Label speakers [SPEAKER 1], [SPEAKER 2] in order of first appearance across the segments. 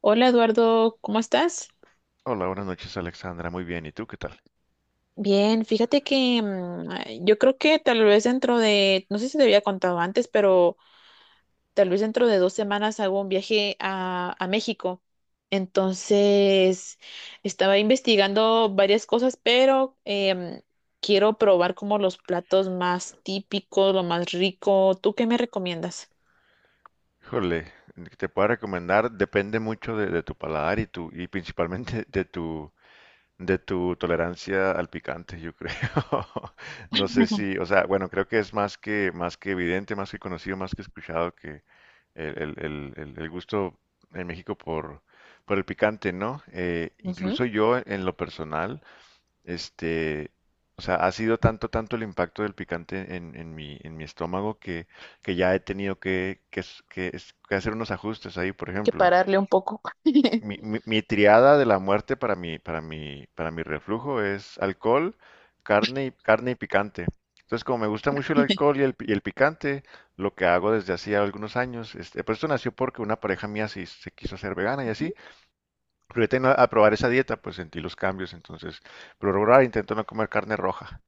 [SPEAKER 1] Hola Eduardo, ¿cómo estás?
[SPEAKER 2] Hola, buenas noches Alexandra, muy bien, ¿y tú qué tal?
[SPEAKER 1] Bien, fíjate que ay, yo creo que tal vez no sé si te había contado antes, pero tal vez dentro de 2 semanas hago un viaje a México. Entonces, estaba investigando varias cosas, pero quiero probar como los platos más típicos, lo más rico. ¿Tú qué me recomiendas?
[SPEAKER 2] Híjole, te puedo recomendar, depende mucho de tu paladar y tu, y principalmente de tu tolerancia al picante, yo creo. No sé si, o sea, bueno, creo que es más que evidente, más que conocido, más que escuchado que el gusto en México por el picante, ¿no?
[SPEAKER 1] Ujú.
[SPEAKER 2] Incluso yo en lo personal. Este, o sea, ha sido tanto el impacto del picante en en mi estómago que ya he tenido que hacer unos ajustes ahí, por
[SPEAKER 1] Que
[SPEAKER 2] ejemplo.
[SPEAKER 1] pararle un poco.
[SPEAKER 2] Mi triada de la muerte para mi reflujo es alcohol, carne y picante. Entonces, como me gusta mucho el alcohol y el picante, lo que hago desde hacía algunos años, pues esto nació porque una pareja mía se quiso hacer vegana y así,
[SPEAKER 1] Ujú.
[SPEAKER 2] pero yo tenía a probar esa dieta, pues sentí los cambios, entonces, pero ahora intento no comer carne roja.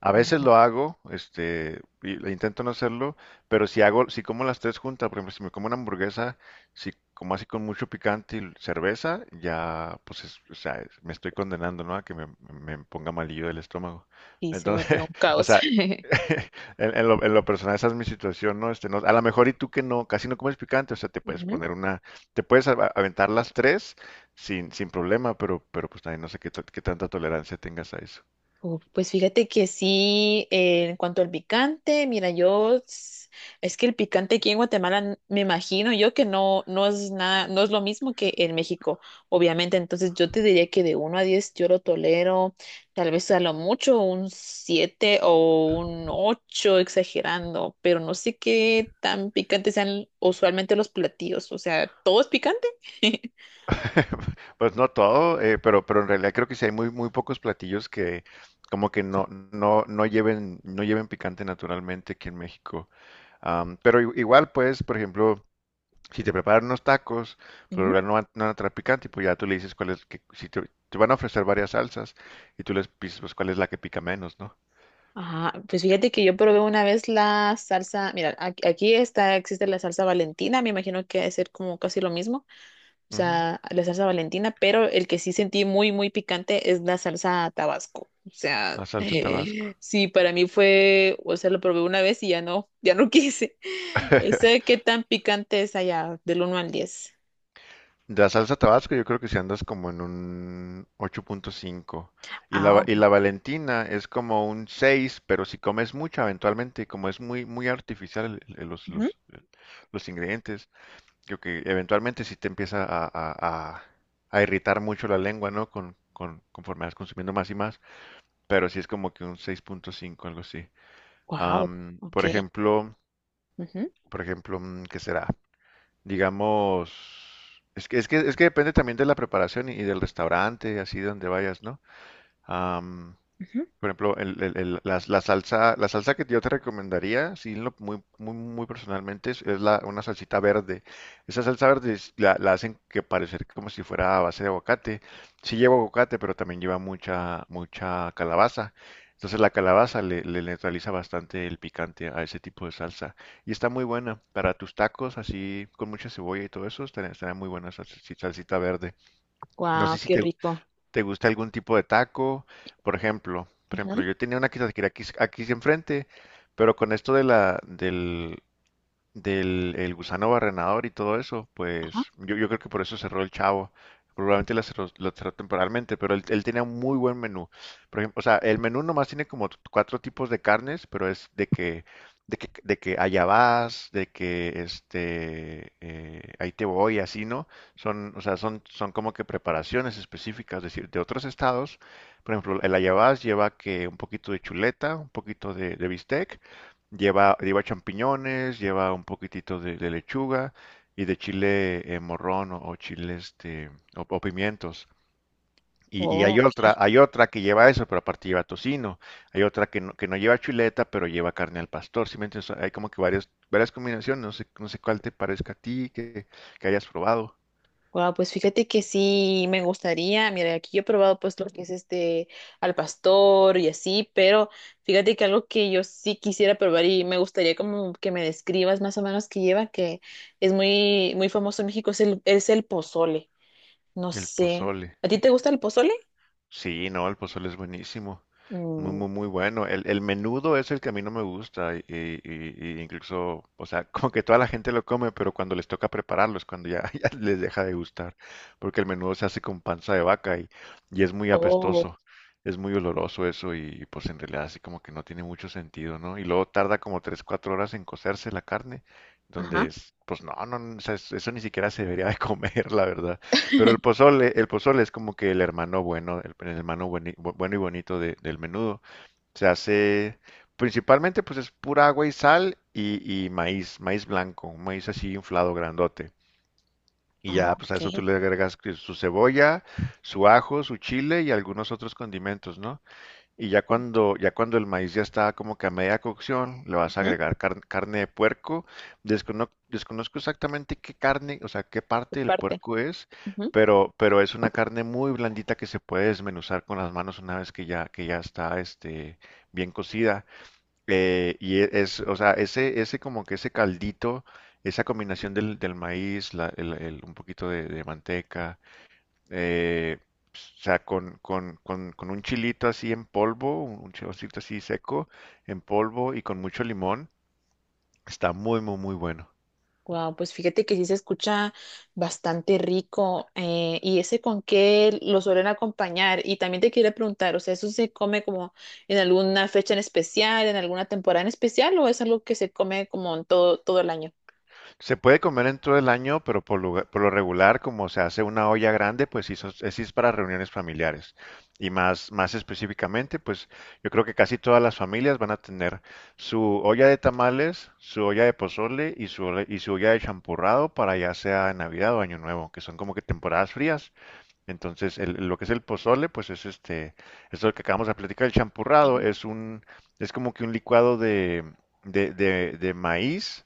[SPEAKER 2] A veces
[SPEAKER 1] Oh,
[SPEAKER 2] lo hago, y le intento no hacerlo, pero si hago, si como las tres juntas, por ejemplo, si me como una hamburguesa, si como así con mucho picante y cerveza, ya, pues, o sea, me estoy condenando, ¿no? A que me ponga malillo el estómago.
[SPEAKER 1] sí, se vuelve un
[SPEAKER 2] Entonces, o
[SPEAKER 1] caos.
[SPEAKER 2] sea, en lo personal esa es mi situación, ¿no? No, a lo mejor y tú que no, casi no comes picante, o sea, te puedes
[SPEAKER 1] Ujú.
[SPEAKER 2] poner una, te puedes aventar las tres sin problema, pero pues también no sé qué tanta tolerancia tengas a eso.
[SPEAKER 1] Uf, pues fíjate que sí, en cuanto al picante, mira, es que el picante aquí en Guatemala me imagino yo que no, no es nada, no es lo mismo que en México, obviamente. Entonces yo te diría que de 1 a 10 yo lo tolero, tal vez a lo mucho un 7 o un 8 exagerando, pero no sé qué tan picantes sean usualmente los platillos. O sea, ¿todo es picante?
[SPEAKER 2] Pues no todo, pero en realidad creo que sí hay muy pocos platillos que como que no lleven, no lleven picante naturalmente aquí en México. Am, pero igual, pues, por ejemplo, si te preparan unos tacos, por lo general no van a traer picante, y pues ya tú le dices cuál es, que, si te, te van a ofrecer varias salsas y tú les dices pues cuál es la que pica menos, ¿no?
[SPEAKER 1] Ajá, pues fíjate que yo probé una vez la salsa, mira, aquí está, existe la salsa Valentina, me imagino que debe ser como casi lo mismo, o
[SPEAKER 2] Ujú,
[SPEAKER 1] sea, la salsa Valentina, pero el que sí sentí muy, muy picante es la salsa Tabasco, o sea,
[SPEAKER 2] la salsa Tabasco.
[SPEAKER 1] sí, para mí fue, o sea, lo probé una vez y ya no, ya no quise. Sé qué tan picante es allá, del 1 al 10.
[SPEAKER 2] La salsa Tabasco yo creo que si andas como en un 8.5 y
[SPEAKER 1] Ah,
[SPEAKER 2] y la Valentina es como un 6 pero si comes mucha eventualmente, como es muy muy artificial los ingredientes, creo que eventualmente sí te empieza a irritar mucho la lengua, ¿no? Conforme vas consumiendo más y más, pero sí es como que un 6.5, algo así.
[SPEAKER 1] wow,
[SPEAKER 2] Am,
[SPEAKER 1] ok, ujú,
[SPEAKER 2] por ejemplo, mm, ¿qué será? Digamos, es que depende también de la preparación y del restaurante, así donde vayas, ¿no? Am,
[SPEAKER 1] ujú.
[SPEAKER 2] por ejemplo, la salsa que yo te recomendaría, sí, muy personalmente, es una salsita verde. Esa salsa verde la hacen que parecer como si fuera a base de aguacate. Sí lleva aguacate, pero también lleva mucha calabaza. Entonces la calabaza le neutraliza bastante el picante a ese tipo de salsa. Y está muy buena para tus tacos, así con mucha cebolla y todo eso, estaría estará muy buena esa salsita verde. No
[SPEAKER 1] Guau,
[SPEAKER 2] sé si
[SPEAKER 1] qué
[SPEAKER 2] te,
[SPEAKER 1] rico.
[SPEAKER 2] ¿te gusta algún tipo de taco? Por ejemplo,
[SPEAKER 1] Ujú.
[SPEAKER 2] yo tenía una quesadilla aquí, aquí enfrente, pero con esto de del, el gusano barrenador y todo eso,
[SPEAKER 1] Ajá.
[SPEAKER 2] pues yo creo que por eso cerró el Chavo. Probablemente la cerró, lo cerró temporalmente, pero él tenía un muy buen menú. Por ejemplo, o sea, el menú nomás tiene como cuatro tipos de carnes, pero es de que allá vas, de que este, ahí te voy, así, ¿no? Son, o sea, son como que preparaciones específicas, es decir, de otros estados. Por ejemplo, el allá vas lleva que un poquito de chuleta, un poquito de bistec. Lleva champiñones, lleva un poquitito de lechuga y de chile morrón o chile este, o pimientos. Y
[SPEAKER 1] Oh,
[SPEAKER 2] hay
[SPEAKER 1] ok.
[SPEAKER 2] hay otra que lleva eso, pero aparte lleva tocino. Hay otra que no lleva chuleta, pero lleva carne al pastor. ¿Sí me entiendes? O sea, hay como que varias combinaciones. No sé cuál te parezca a ti que hayas probado.
[SPEAKER 1] Wow, pues fíjate que sí me gustaría, mira, aquí yo he probado pues lo que es este al pastor y así, pero fíjate que algo que yo sí quisiera probar y me gustaría como que me describas más o menos que lleva, que es muy, muy famoso en México, es el pozole. No
[SPEAKER 2] El
[SPEAKER 1] sé,
[SPEAKER 2] pozole.
[SPEAKER 1] ¿a ti te gusta el pozole?
[SPEAKER 2] Sí, no, el pozole es buenísimo.
[SPEAKER 1] Mm,
[SPEAKER 2] Muy bueno. El menudo es el que a mí no me gusta. Incluso, o sea, como que toda la gente lo come, pero cuando les toca prepararlo es cuando ya, ya les deja de gustar. Porque el menudo se hace con panza de vaca y es muy
[SPEAKER 1] oh,
[SPEAKER 2] apestoso. Es muy oloroso eso y pues en realidad así como que no tiene mucho sentido, ¿no? Y luego tarda como 3 4 horas en cocerse la carne, donde
[SPEAKER 1] ajá.
[SPEAKER 2] es, pues no, o sea, eso ni siquiera se debería de comer, la verdad. Pero el pozole es como que el hermano bueno, el hermano bueno y bonito del menudo. Se hace principalmente pues es pura agua y sal y maíz, maíz blanco, un maíz así inflado grandote. Y
[SPEAKER 1] Ah,
[SPEAKER 2] ya pues a eso tú
[SPEAKER 1] ok.
[SPEAKER 2] le agregas que su cebolla, su ajo, su chile y algunos otros condimentos, ¿no? Y ya cuando el maíz ya está como que a media cocción, le vas a
[SPEAKER 1] Ujú,
[SPEAKER 2] agregar carne de puerco. Desconozco exactamente qué carne, o sea, qué
[SPEAKER 1] tu
[SPEAKER 2] parte del
[SPEAKER 1] parte.
[SPEAKER 2] puerco es, pero es una carne muy blandita que se puede desmenuzar con las manos una vez que que ya está este, bien cocida. Y es, o sea, ese como que ese caldito, esa combinación del maíz, un poquito de manteca eh, pues, o sea, con un chilito así en polvo, un chilocito así seco, en polvo y con mucho limón, está muy bueno.
[SPEAKER 1] Wow, pues fíjate que sí se escucha, bastante rico. Eh, ¿y ese con qué lo suelen acompañar? Y también te quería preguntar, o sea, ¿eso se come como en alguna fecha en especial, en alguna temporada en especial, o es algo que se come como en todo, todo el año?
[SPEAKER 2] Se puede comer en todo el año, pero por lo regular, como se hace una olla grande, pues sí, sí es para reuniones familiares. Y más específicamente, pues yo creo que casi todas las familias van a tener su olla de tamales, su olla de pozole y y su olla de champurrado para ya sea Navidad o Año Nuevo, que son como que temporadas frías. Entonces, lo que es el pozole, pues es este, es lo que acabamos de platicar, el champurrado es un, es como que un licuado de maíz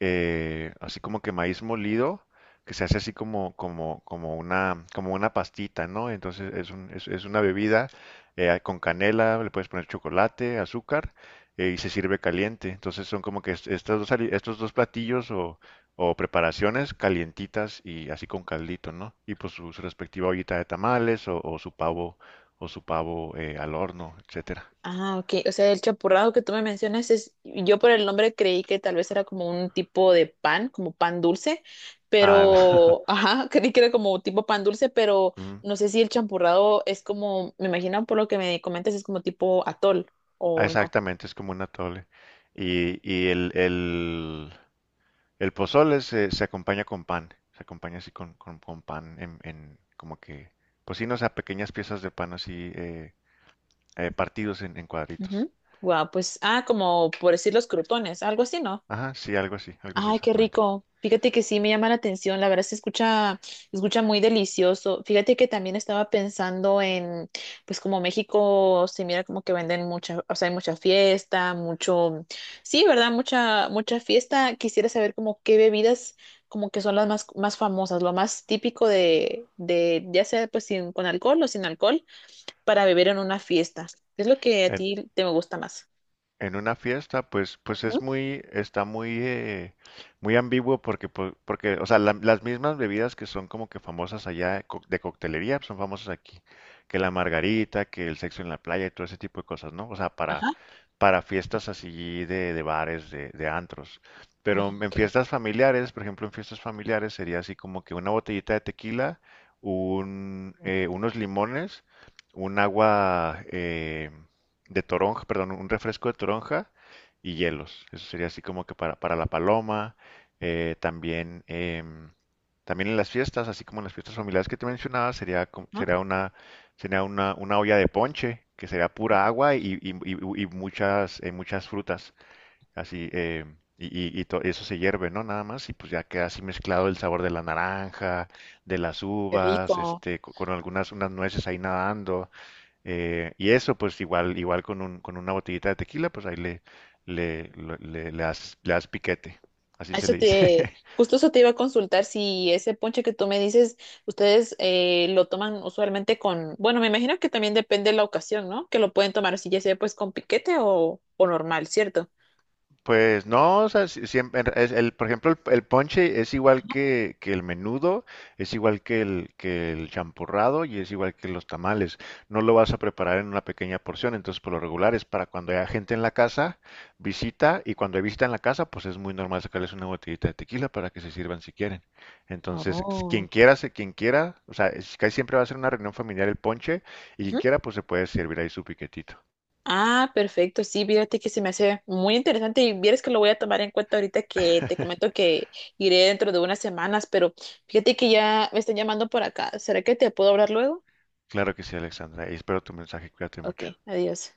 [SPEAKER 2] así como que maíz molido, que se hace así como, como, como una pastita, ¿no? Entonces es una bebida con canela, le puedes poner chocolate, azúcar, y se sirve caliente. Entonces son como que estas dos, estos dos platillos o preparaciones calientitas y así con caldito, ¿no? Y pues su respectiva ollita de tamales o su pavo al horno, etcétera.
[SPEAKER 1] Ah, ok. O sea, el champurrado que tú me mencionas es, yo por el nombre creí que tal vez era como un tipo de pan, como pan dulce,
[SPEAKER 2] Ah,
[SPEAKER 1] pero, ajá, creí que era como tipo pan dulce, pero no sé si el champurrado es como, me imagino por lo que me comentas, es como tipo atol
[SPEAKER 2] ah,
[SPEAKER 1] o no.
[SPEAKER 2] exactamente, es como un atole. Y, y el, el, el pozole se acompaña con pan, se acompaña así con pan en como que, pues sí, no, o sea, pequeñas piezas de pan así partidos en cuadritos.
[SPEAKER 1] Ujú. Guau, pues, ah, como por decir los crutones, algo así, ¿no?
[SPEAKER 2] Ajá, sí, algo así
[SPEAKER 1] Ay, qué
[SPEAKER 2] exactamente.
[SPEAKER 1] rico. Fíjate que sí me llama la atención, la verdad se escucha muy delicioso. Fíjate que también estaba pensando en, pues como México se mira como que venden mucha, o sea, hay mucha fiesta, mucho, sí, ¿verdad? Mucha, mucha fiesta. Quisiera saber como qué bebidas como que son las más, más famosas, lo más típico ya sea pues sin, con alcohol o sin alcohol, para beber en una fiesta. ¿Qué es lo que a ti te gusta más?
[SPEAKER 2] En una fiesta, pues, pues es
[SPEAKER 1] Ujú.
[SPEAKER 2] muy, está muy, muy ambiguo porque, porque, o sea, las mismas bebidas que son como que famosas allá de coctelería pues, son famosas aquí, que la margarita, que el sexo en la playa y todo ese tipo de cosas, ¿no? O sea,
[SPEAKER 1] Ajá.
[SPEAKER 2] para fiestas así de bares, de antros.
[SPEAKER 1] Ah,
[SPEAKER 2] Pero en
[SPEAKER 1] ok.
[SPEAKER 2] fiestas familiares, por ejemplo, en fiestas familiares sería así como que una botellita de tequila, un, unos limones, un agua, de toronja, perdón, un refresco de toronja y hielos. Eso sería así como que para la paloma. Eh, también, em, también en las fiestas, así como en las fiestas familiares que te mencionaba,
[SPEAKER 1] Ajá.
[SPEAKER 2] sería sería una olla de ponche, que sería pura agua y muchas, muchas frutas. Así, y eso se hierve, ¿no? Nada más, y pues ya queda así mezclado el sabor de la naranja, de las
[SPEAKER 1] Qué
[SPEAKER 2] uvas,
[SPEAKER 1] rico.
[SPEAKER 2] este, con algunas unas nueces ahí nadando. Y eso, pues igual, igual con una botellita de tequila, pues ahí le das piquete, así se
[SPEAKER 1] Eso
[SPEAKER 2] le dice.
[SPEAKER 1] te, justo eso te iba a consultar si ese ponche que tú me dices, ustedes lo toman usualmente con, bueno, me imagino que también depende de la ocasión, ¿no? Que lo pueden tomar así, ya sea pues con piquete o normal, ¿cierto?
[SPEAKER 2] Pues no, o sea, siempre es el, por ejemplo, el ponche es igual que el menudo, es igual que que el champurrado y es igual que los tamales. No lo vas a preparar en una pequeña porción, entonces por lo regular es para cuando haya gente en la casa, visita, y cuando hay visita en la casa, pues es muy normal sacarles una botellita de tequila para que se sirvan si quieren. Entonces,
[SPEAKER 1] Oh.
[SPEAKER 2] quien quiera, o sea, casi siempre va a ser una reunión familiar el ponche, y quien
[SPEAKER 1] Ujú.
[SPEAKER 2] quiera, pues se puede servir ahí su piquetito.
[SPEAKER 1] Ah, perfecto, sí, fíjate que se me hace muy interesante y vieres que lo voy a tomar en cuenta ahorita que te comento que iré dentro de unas semanas, pero fíjate que ya me están llamando por acá. ¿Será que te puedo hablar luego?
[SPEAKER 2] Claro que sí, Alexandra, y espero tu mensaje, cuídate
[SPEAKER 1] Ok,
[SPEAKER 2] mucho.
[SPEAKER 1] adiós.